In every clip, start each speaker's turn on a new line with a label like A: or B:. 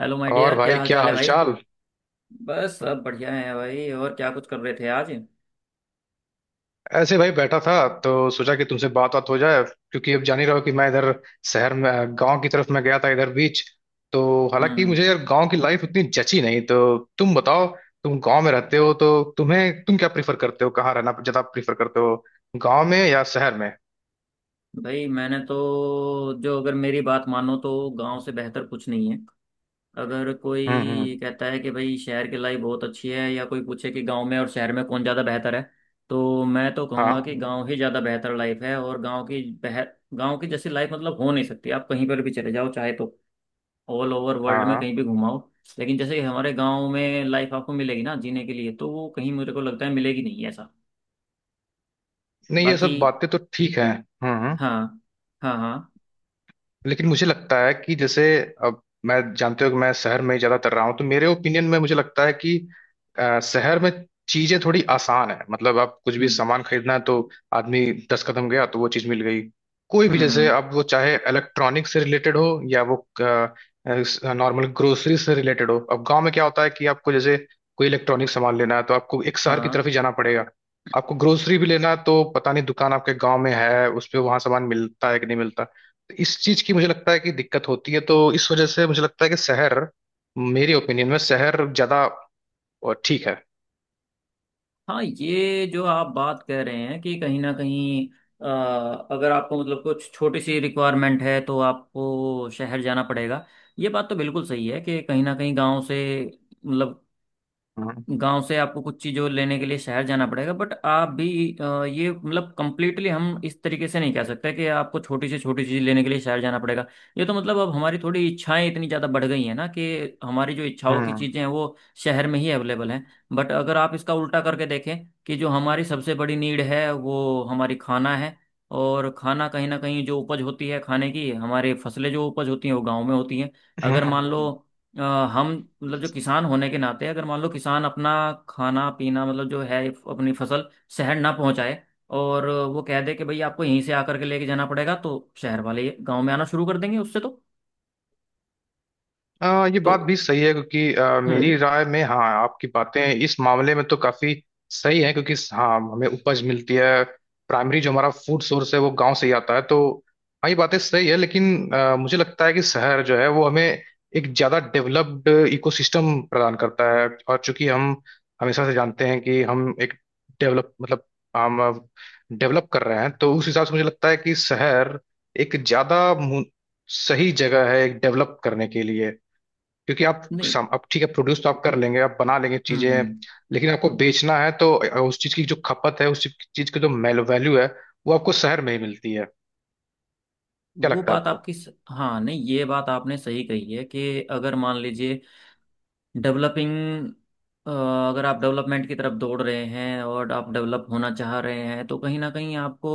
A: Hello my
B: और
A: dear, क्या
B: भाई
A: हाल
B: क्या
A: चाल है भाई।
B: हालचाल।
A: बस सब बढ़िया है भाई। और क्या कुछ कर रहे थे आज।
B: ऐसे भाई बैठा था तो सोचा कि तुमसे बात बात हो जाए क्योंकि अब जान ही रहे हो कि मैं इधर शहर में, गांव की तरफ मैं गया था इधर बीच। तो हालांकि
A: हम्म।
B: मुझे यार गांव की लाइफ उतनी जची नहीं। तो तुम बताओ, तुम गांव में रहते हो तो तुम क्या प्रीफर करते हो, कहाँ रहना ज्यादा प्रीफर करते हो, गांव में या शहर में?
A: भाई मैंने तो, जो अगर मेरी बात मानो तो गांव से बेहतर कुछ नहीं है। अगर कोई ये
B: हम्म।
A: कहता है कि भाई शहर की लाइफ बहुत अच्छी है या कोई पूछे कि गांव में और शहर में कौन ज़्यादा बेहतर है, तो मैं तो कहूँगा
B: हाँ
A: कि गांव ही ज़्यादा बेहतर लाइफ है। और गांव की बेह गांव की जैसी लाइफ मतलब हो नहीं सकती। आप कहीं पर भी चले जाओ, चाहे तो ऑल ओवर
B: हाँ
A: वर्ल्ड में
B: हाँ।
A: कहीं भी घुमाओ, लेकिन जैसे हमारे गांव में लाइफ आपको मिलेगी ना जीने के लिए, तो वो कहीं मेरे को लगता है मिलेगी नहीं, ऐसा।
B: नहीं ये
A: बाकी।
B: सब बातें तो ठीक है। हम्म।
A: हाँ। हाँ हाँ।
B: लेकिन मुझे लगता है कि जैसे अब मैं, जानते हो कि मैं शहर में ही ज्यादातर रहा हूँ, तो मेरे ओपिनियन में मुझे लगता है कि शहर में चीजें थोड़ी आसान है। मतलब आप कुछ भी
A: हम्म
B: सामान खरीदना है तो आदमी दस कदम गया तो वो चीज मिल गई, कोई भी, जैसे
A: हम्म।
B: अब वो चाहे इलेक्ट्रॉनिक से रिलेटेड हो या वो नॉर्मल ग्रोसरी से रिलेटेड हो। अब गांव में क्या होता है कि आपको जैसे कोई इलेक्ट्रॉनिक सामान लेना है तो आपको एक शहर की
A: हाँ
B: तरफ ही जाना पड़ेगा। आपको ग्रोसरी भी लेना है तो पता नहीं दुकान आपके गांव में है उस पे, वहां सामान मिलता है कि नहीं मिलता। इस चीज की मुझे लगता है कि दिक्कत होती है, तो इस वजह से मुझे लगता है कि शहर, मेरे ओपिनियन में शहर ज्यादा ठीक है।
A: हाँ, ये जो आप बात कह रहे हैं कि कहीं ना कहीं अ, अगर आपको मतलब कुछ छोटी सी रिक्वायरमेंट है तो आपको शहर जाना पड़ेगा। ये बात तो बिल्कुल सही है कि कहीं ना कहीं गांव से, मतलब
B: हम्म
A: गांव से आपको कुछ चीज़ों लेने के लिए शहर जाना पड़ेगा। बट आप भी ये मतलब कंप्लीटली हम इस तरीके से नहीं कह सकते कि आपको छोटी से छोटी चीज़ लेने के लिए शहर जाना पड़ेगा। ये तो मतलब अब हमारी थोड़ी इच्छाएं इतनी ज़्यादा बढ़ गई हैं ना कि हमारी जो इच्छाओं की
B: हम्म।
A: चीज़ें हैं वो शहर में ही अवेलेबल हैं। बट अगर आप इसका उल्टा करके देखें कि जो हमारी सबसे बड़ी नीड है वो हमारी खाना है। और खाना कहीं ना कहीं जो उपज होती है, खाने की हमारी फसलें जो उपज होती हैं, वो गाँव में होती हैं।
B: हम्म,
A: अगर मान लो
B: हम्म।
A: अ, हम मतलब, जो किसान होने के नाते, अगर मान लो किसान अपना खाना पीना मतलब जो है अपनी फसल शहर ना पहुंचाए और वो कह दे कि भाई आपको यहीं से आकर के लेके जाना पड़ेगा, तो शहर वाले गांव में आना शुरू कर देंगे, उससे तो।
B: ये
A: तो
B: बात भी सही है क्योंकि
A: हम्म।
B: मेरी राय में, हाँ, आपकी बातें इस मामले में तो काफी सही है, क्योंकि हाँ हमें उपज मिलती है, प्राइमरी जो हमारा फूड सोर्स है वो गांव से ही आता है। तो हाँ ये बातें सही है, लेकिन मुझे लगता है कि शहर जो है वो हमें एक ज्यादा डेवलप्ड इकोसिस्टम प्रदान करता है। और चूंकि हम हमेशा से जानते हैं कि हम एक डेवलप मतलब हम डेवलप कर रहे हैं, तो उस हिसाब से मुझे लगता है कि शहर एक ज्यादा सही जगह है एक डेवलप करने के लिए। क्योंकि आप
A: नहीं।
B: अब ठीक है प्रोड्यूस तो आप कर लेंगे, आप बना लेंगे चीजें,
A: हम्म।
B: लेकिन आपको बेचना है तो उस चीज की जो खपत है, उस चीज की जो वैल्यू है, वो आपको शहर में ही मिलती है। क्या
A: वो
B: लगता है
A: बात
B: आपको?
A: आपकी स... हाँ, नहीं, ये बात आपने सही कही है कि अगर मान लीजिए, डेवलपिंग अगर आप डेवलपमेंट की तरफ दौड़ रहे हैं और आप डेवलप होना चाह रहे हैं तो कहीं ना कहीं आपको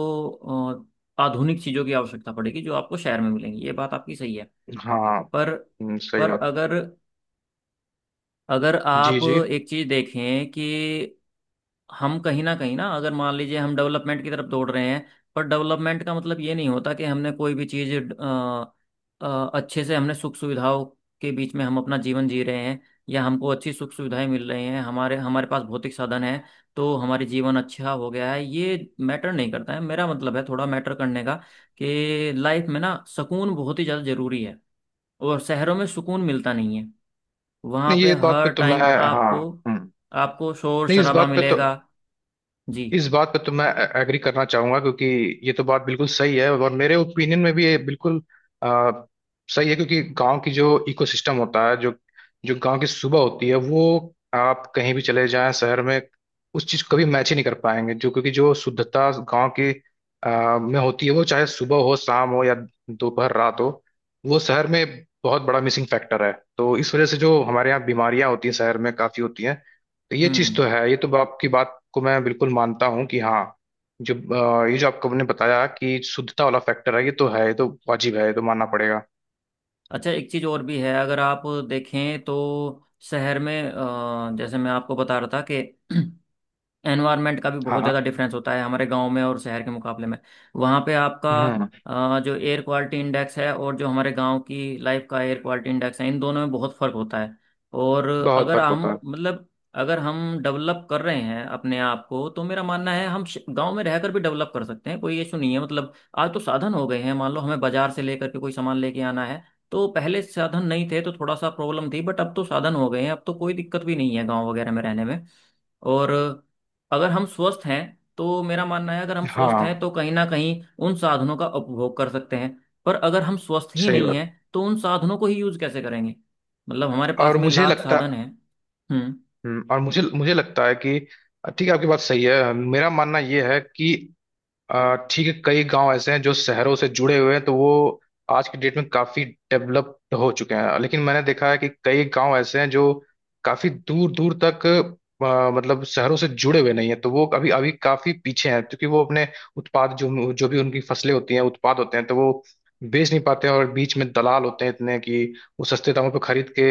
A: आधुनिक चीज़ों की आवश्यकता पड़ेगी जो आपको शहर में मिलेंगी, ये बात आपकी सही है।
B: हाँ।
A: पर
B: सही
A: पर
B: बात।
A: अगर अगर आप
B: जी जी।
A: एक चीज़ देखें कि हम कहीं ना कहीं ना, अगर मान लीजिए हम डेवलपमेंट की तरफ दौड़ रहे हैं, पर डेवलपमेंट का मतलब ये नहीं होता कि हमने कोई भी चीज़ अच्छे से हमने सुख सुविधाओं के बीच में हम अपना जीवन जी रहे हैं या हमको अच्छी सुख सुविधाएं मिल रही हैं, हमारे हमारे पास भौतिक साधन है, तो हमारे जीवन अच्छा हो गया है, ये मैटर नहीं करता है। मेरा मतलब है थोड़ा मैटर करने का कि लाइफ में ना सुकून बहुत ही ज़्यादा ज़रूरी है। और शहरों में सुकून मिलता नहीं है। वहाँ
B: नहीं,
A: पे
B: ये बात पे
A: हर
B: तो मैं,
A: टाइम
B: हाँ,
A: आपको
B: हम्म, नहीं,
A: आपको शोर
B: इस
A: शराबा
B: बात पे तो,
A: मिलेगा। जी।
B: इस बात पर तो मैं एग्री करना चाहूंगा, क्योंकि ये तो बात बिल्कुल सही है और मेरे ओपिनियन में भी ये बिल्कुल आ, सही है। क्योंकि गांव की जो इकोसिस्टम होता है, जो जो गांव की सुबह होती है, वो, आप कहीं भी चले जाएं शहर में उस चीज को कभी मैच ही नहीं कर पाएंगे। जो, क्योंकि जो शुद्धता गांव की में होती है, वो, चाहे सुबह हो शाम हो या दोपहर रात हो, वो शहर में बहुत बड़ा मिसिंग फैक्टर है। तो इस वजह से जो हमारे यहाँ बीमारियां होती हैं, शहर में काफी होती हैं। ये चीज
A: हम्म।
B: तो है, ये तो आपकी बात को मैं बिल्कुल मानता हूँ कि हाँ। जो ये जो आपको आपने बताया कि शुद्धता वाला फैक्टर है, ये तो है, ये तो वाजिब है, ये तो मानना पड़ेगा।
A: अच्छा, एक चीज़ और भी है, अगर आप देखें तो शहर में, जैसे मैं आपको बता रहा था कि एनवायरनमेंट का भी
B: हाँ
A: बहुत ज़्यादा
B: हाँ।
A: डिफरेंस होता है हमारे गांव में और शहर के मुकाबले में। वहाँ पे आपका
B: हम्म।
A: जो एयर क्वालिटी इंडेक्स है और जो हमारे गांव की लाइफ का एयर क्वालिटी इंडेक्स है, इन दोनों में बहुत फ़र्क होता है। और
B: बहुत
A: अगर
B: फर्क
A: हम
B: होता है।
A: मतलब अगर हम डेवलप कर रहे हैं अपने आप को, तो मेरा मानना है हम गांव में रहकर भी डेवलप कर सकते हैं, कोई इशू नहीं है। मतलब आज तो साधन हो गए हैं, मान लो हमें बाजार से लेकर के कोई सामान लेके आना है, तो पहले साधन नहीं थे तो थोड़ा सा प्रॉब्लम थी, बट अब तो साधन हो गए हैं, अब तो कोई दिक्कत भी नहीं है गांव वगैरह में रहने में। और अगर हम स्वस्थ हैं, तो मेरा मानना है, अगर हम स्वस्थ हैं
B: हाँ
A: तो कहीं ना कहीं उन साधनों का उपभोग कर सकते हैं। पर अगर हम स्वस्थ ही
B: सही
A: नहीं
B: बात।
A: हैं, तो उन साधनों को ही यूज कैसे करेंगे। मतलब हमारे पास
B: और
A: में
B: मुझे
A: लाख
B: लगता
A: साधन हैं। हम्म।
B: और मुझे मुझे लगता है कि ठीक है आपकी बात सही है, मेरा मानना ये है कि ठीक है, कई गांव ऐसे हैं जो शहरों से जुड़े हुए हैं, तो वो आज की डेट में काफी डेवलप्ड हो चुके हैं। लेकिन मैंने देखा है कि कई गांव ऐसे हैं जो काफी दूर दूर तक मतलब शहरों से जुड़े हुए नहीं है, तो वो अभी अभी काफी पीछे हैं, क्योंकि वो अपने उत्पाद, जो जो भी उनकी फसलें होती हैं उत्पाद होते हैं, तो वो बेच नहीं पाते हैं, और बीच में दलाल होते हैं इतने कि वो सस्ते दामों पर खरीद के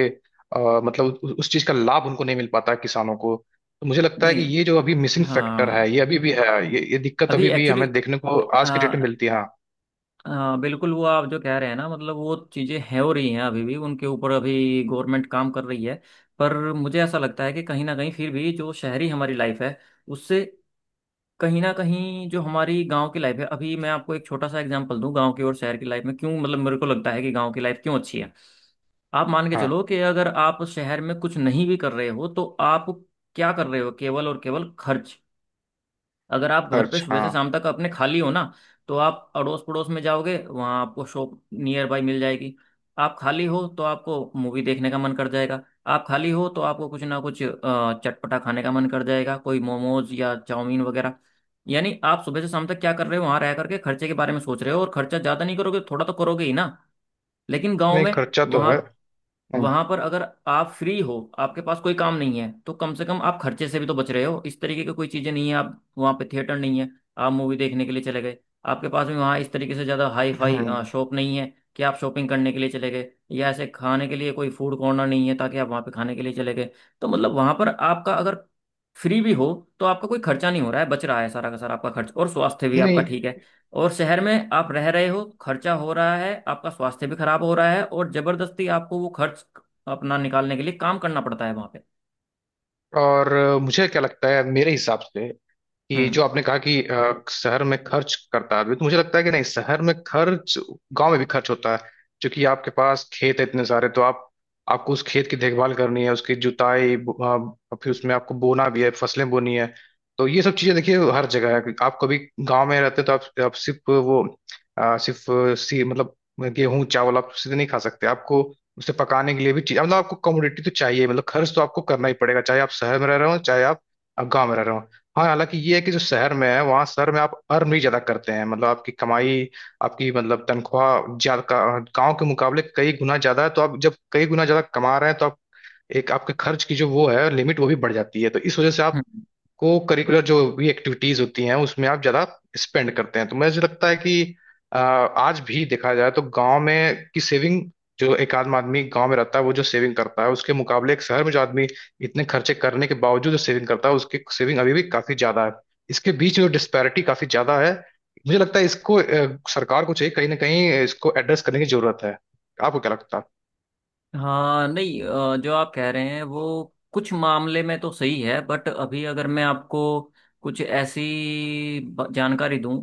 B: मतलब उस चीज का लाभ उनको नहीं मिल पाता है, किसानों को। तो मुझे लगता है कि
A: नहीं।
B: ये जो अभी मिसिंग फैक्टर है
A: हाँ।
B: ये अभी भी है, ये दिक्कत
A: अभी
B: अभी भी
A: एक्चुअली,
B: हमें देखने को आज की डेट में मिलती है, हाँ।
A: बिल्कुल, वो आप जो कह रहे हैं ना, मतलब वो चीज़ें हैं, हो रही हैं, अभी भी उनके ऊपर अभी गवर्नमेंट काम कर रही है। पर मुझे ऐसा लगता है कि कहीं ना कहीं फिर भी जो शहरी हमारी लाइफ है, उससे कहीं ना कहीं जो हमारी गांव की लाइफ है, अभी मैं आपको एक छोटा सा एग्जांपल दूं, गांव की और शहर की लाइफ में क्यों, मतलब मेरे को लगता है कि गांव की लाइफ क्यों अच्छी है। आप मान के
B: हाँ।
A: चलो कि अगर आप शहर में कुछ नहीं भी कर रहे हो, तो आप क्या कर रहे हो, केवल और केवल खर्च। अगर आप घर पे
B: खर्च,
A: सुबह से
B: हाँ।
A: शाम तक अपने खाली हो ना, तो आप अड़ोस पड़ोस में जाओगे, वहाँ आपको शॉप नियर बाय मिल जाएगी। आप खाली हो तो आपको मूवी देखने का मन कर जाएगा। आप खाली हो तो आपको कुछ ना कुछ चटपटा खाने का मन कर जाएगा, कोई मोमोज या चाउमीन वगैरह। यानी आप सुबह से शाम तक क्या कर रहे हो वहाँ रह करके, खर्चे के बारे में सोच रहे हो, और खर्चा ज़्यादा नहीं करोगे, थोड़ा तो करोगे ही ना। लेकिन गाँव
B: नहीं,
A: में
B: खर्चा तो
A: वहाँ,
B: है। हम्म
A: वहां पर अगर आप फ्री हो, आपके पास कोई काम नहीं है, तो कम से कम आप खर्चे से भी तो बच रहे हो। इस तरीके की कोई चीजें नहीं है आप वहां पे, थिएटर नहीं है आप मूवी देखने के लिए चले गए, आपके पास भी वहाँ इस तरीके से ज्यादा हाई फाई
B: हम्म,
A: शॉप नहीं है कि आप शॉपिंग करने के लिए चले गए, या ऐसे खाने के लिए कोई फूड कॉर्नर नहीं है ताकि आप वहां पे खाने के लिए चले गए। तो मतलब वहां पर आपका अगर फ्री भी हो तो आपका कोई खर्चा नहीं हो रहा है, बच रहा है सारा का सारा आपका खर्च, और स्वास्थ्य भी आपका
B: नहीं।
A: ठीक है। और शहर में आप रह रहे हो, खर्चा हो रहा है, आपका स्वास्थ्य भी खराब हो रहा है, और जबरदस्ती आपको वो खर्च अपना निकालने के लिए काम करना पड़ता है वहां पे।
B: और मुझे क्या लगता है, मेरे हिसाब से, ये
A: हम्म
B: जो आपने कहा कि शहर में खर्च करता है आदमी, तो मुझे लगता है कि नहीं, शहर में खर्च, गांव में भी खर्च होता है। क्योंकि आपके पास खेत है इतने सारे, तो आप आपको उस खेत की देखभाल करनी है, उसकी जुताई फिर उसमें आपको बोना भी है, फसलें बोनी है। तो ये सब चीजें देखिए हर जगह है कि आप कभी गांव में रहते हैं तो आप सिर्फ वो सिर्फ सी मतलब गेहूं चावल आप सीधे नहीं खा सकते, आपको उसे पकाने के लिए भी चीज मतलब आपको कमोडिटी तो चाहिए। मतलब खर्च तो आपको करना ही पड़ेगा, चाहे आप शहर में रह रहे हो चाहे आप गाँव में रह रहे हो। हाँ, हालांकि ये है कि जो शहर में है, वहाँ शहर में आप अर्न भी ज्यादा करते हैं। मतलब आपकी कमाई, आपकी मतलब तनख्वाह ज्यादा, गांव के मुकाबले कई गुना ज्यादा है। तो आप जब कई गुना ज्यादा कमा रहे हैं तो आप, एक आपके खर्च की जो वो है लिमिट वो भी बढ़ जाती है, तो इस वजह से आप
A: हम्म।
B: को करिकुलर जो भी एक्टिविटीज होती हैं उसमें आप ज्यादा स्पेंड करते हैं। तो मुझे लगता है कि आज भी देखा जाए तो गांव में की सेविंग, जो एक आदमी गांव में रहता है वो जो सेविंग करता है, उसके मुकाबले एक शहर में जो आदमी इतने खर्चे करने के बावजूद जो सेविंग करता है, उसकी सेविंग अभी भी काफी ज्यादा है। इसके बीच जो डिस्पैरिटी काफी ज्यादा है, मुझे लगता है इसको सरकार को चाहिए, कहीं ना कहीं इसको एड्रेस करने की जरूरत है। आपको क्या लगता है?
A: हाँ, नहीं, जो आप कह रहे हैं वो कुछ मामले में तो सही है, बट अभी अगर मैं आपको कुछ ऐसी जानकारी दूं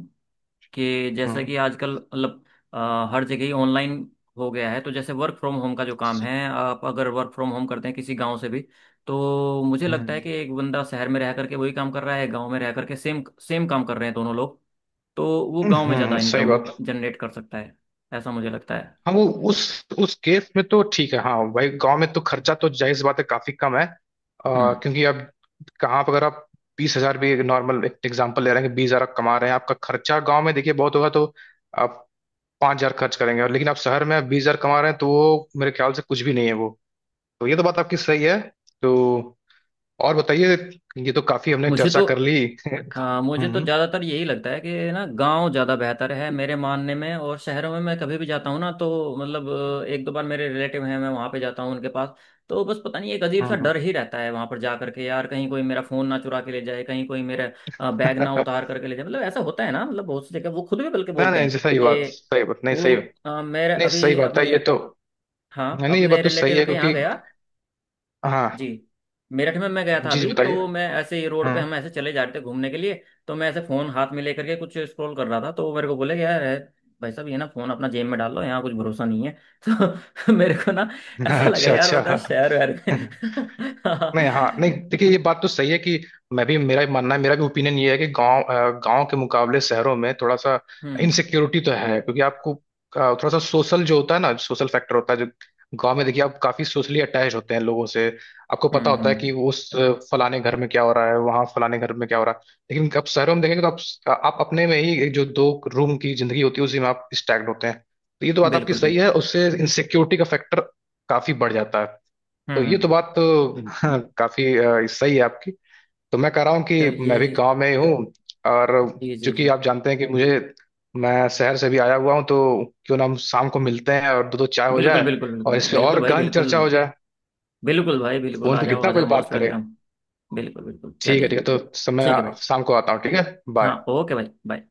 A: कि जैसे
B: हम्म
A: कि आजकल मतलब हर जगह ही ऑनलाइन हो गया है, तो जैसे वर्क फ्रॉम होम का जो काम है, आप अगर वर्क फ्रॉम होम करते हैं किसी गांव से भी, तो मुझे लगता है
B: हम्म।
A: कि एक बंदा शहर में रह करके वही काम कर रहा है, गांव में रह करके सेम सेम काम कर रहे हैं दोनों लोग, तो वो गांव में
B: हम्म,
A: ज़्यादा
B: सही
A: इनकम
B: बात।
A: जनरेट कर सकता है, ऐसा मुझे लगता है।
B: हाँ, वो, उस उस केस में तो ठीक है। हाँ भाई, गांव में तो खर्चा तो जाहिर सी बात है काफी कम है।
A: हम्म।
B: क्योंकि अब कहाँ पर, अगर आप 20,000 भी, नॉर्मल एक एग्जांपल ले रहे हैं कि 20,000 आप कमा रहे हैं, आपका खर्चा गांव में देखिए बहुत होगा, तो आप 5,000 खर्च करेंगे। और लेकिन आप शहर में 20,000 कमा रहे हैं तो वो मेरे ख्याल से कुछ भी नहीं है। वो तो, ये तो बात आपकी सही है। तो और बताइए, ये तो काफी हमने
A: मुझे
B: चर्चा
A: तो
B: कर ली।
A: हाँ, मुझे तो
B: हम्म
A: ज़्यादातर यही लगता है कि ना, गांव ज़्यादा बेहतर है मेरे मानने में। और शहरों में मैं कभी भी जाता हूँ ना, तो मतलब एक दो बार मेरे रिलेटिव हैं मैं वहाँ पे जाता हूँ उनके पास, तो बस पता नहीं एक अजीब सा
B: हम्म।
A: डर ही रहता है वहाँ पर जा करके, यार कहीं कोई मेरा फ़ोन ना चुरा के ले जाए, कहीं कोई मेरा बैग ना उतार करके ले जाए। मतलब ऐसा होता है ना, मतलब बहुत सी जगह वो खुद भी बल्कि
B: ना,
A: बोलते हैं
B: नहीं, सही बात,
A: कि,
B: सही बात, नहीं
A: वो
B: सही। नहीं
A: अ, मेरे
B: सही
A: अभी
B: बात है
A: अपने
B: ये तो।
A: हाँ,
B: नहीं नहीं, ये
A: अपने
B: बात तो सही
A: रिलेटिव
B: है,
A: के यहाँ
B: क्योंकि
A: गया। जी।
B: हाँ।
A: मेरठ में मैं गया था
B: जी जी
A: अभी,
B: बताइए।
A: तो मैं ऐसे ही रोड
B: हाँ।
A: पे, हम ऐसे चले जा रहे थे घूमने के लिए, तो मैं ऐसे फ़ोन हाथ में लेकर के कुछ स्क्रॉल कर रहा था, तो वो मेरे को बोले कि यार है, भाई साहब ये ना फ़ोन अपना जेब में डाल लो, यहाँ कुछ भरोसा नहीं है। तो मेरे को ना ऐसा लगा,
B: अच्छा
A: यार
B: अच्छा।
A: बता, शहर वहर में।
B: नहीं, हाँ, नहीं, देखिए ये बात तो सही है कि, मैं भी, मेरा भी मानना है, मेरा भी ओपिनियन ये है कि गांव, गांव के मुकाबले शहरों में थोड़ा सा
A: हम्म
B: इनसिक्योरिटी तो है, क्योंकि आपको थोड़ा सा सोशल जो होता है ना, सोशल फैक्टर होता है, जो गांव में देखिए आप काफी सोशली अटैच होते हैं लोगों से। आपको पता होता है
A: हम्म।
B: कि उस फलाने घर में क्या हो रहा है, वहाँ फलाने घर में क्या हो रहा है, लेकिन आप शहरों में देखेंगे तो आप अपने में ही, एक जो दो रूम की जिंदगी होती है उसी में आप स्टैग्ड होते हैं। तो ये तो बात आपकी
A: बिल्कुल
B: सही
A: बिल्कुल।
B: है, उससे इनसिक्योरिटी का फैक्टर काफी बढ़ जाता है।
A: हम्म
B: तो ये तो
A: हम्म।
B: बात तो काफी सही है आपकी। तो मैं कह रहा हूँ कि मैं
A: चलिए।
B: भी गांव में ही हूँ, और
A: जी जी
B: चूंकि
A: जी।
B: आप जानते हैं कि मुझे मैं शहर से भी आया हुआ हूँ, तो क्यों ना हम शाम को मिलते हैं और दो दो चाय हो
A: बिल्कुल
B: जाए,
A: बिल्कुल बिल्कुल
B: और
A: भाई,
B: इस पे
A: बिल्कुल
B: और
A: भाई,
B: गहन
A: बिल्कुल।
B: चर्चा हो जाए?
A: बिल्कुल भाई, बिल्कुल,
B: फोन
A: आ
B: पे
A: जाओ आ
B: कितना
A: जाओ,
B: कोई बात
A: मोस्ट
B: करे।
A: वेलकम। बिल्कुल बिल्कुल,
B: ठीक है,
A: चलिए।
B: ठीक है, तो समय
A: ठीक है भाई।
B: शाम को आता हूँ, ठीक है। बाय।
A: हाँ, ओके भाई, बाय।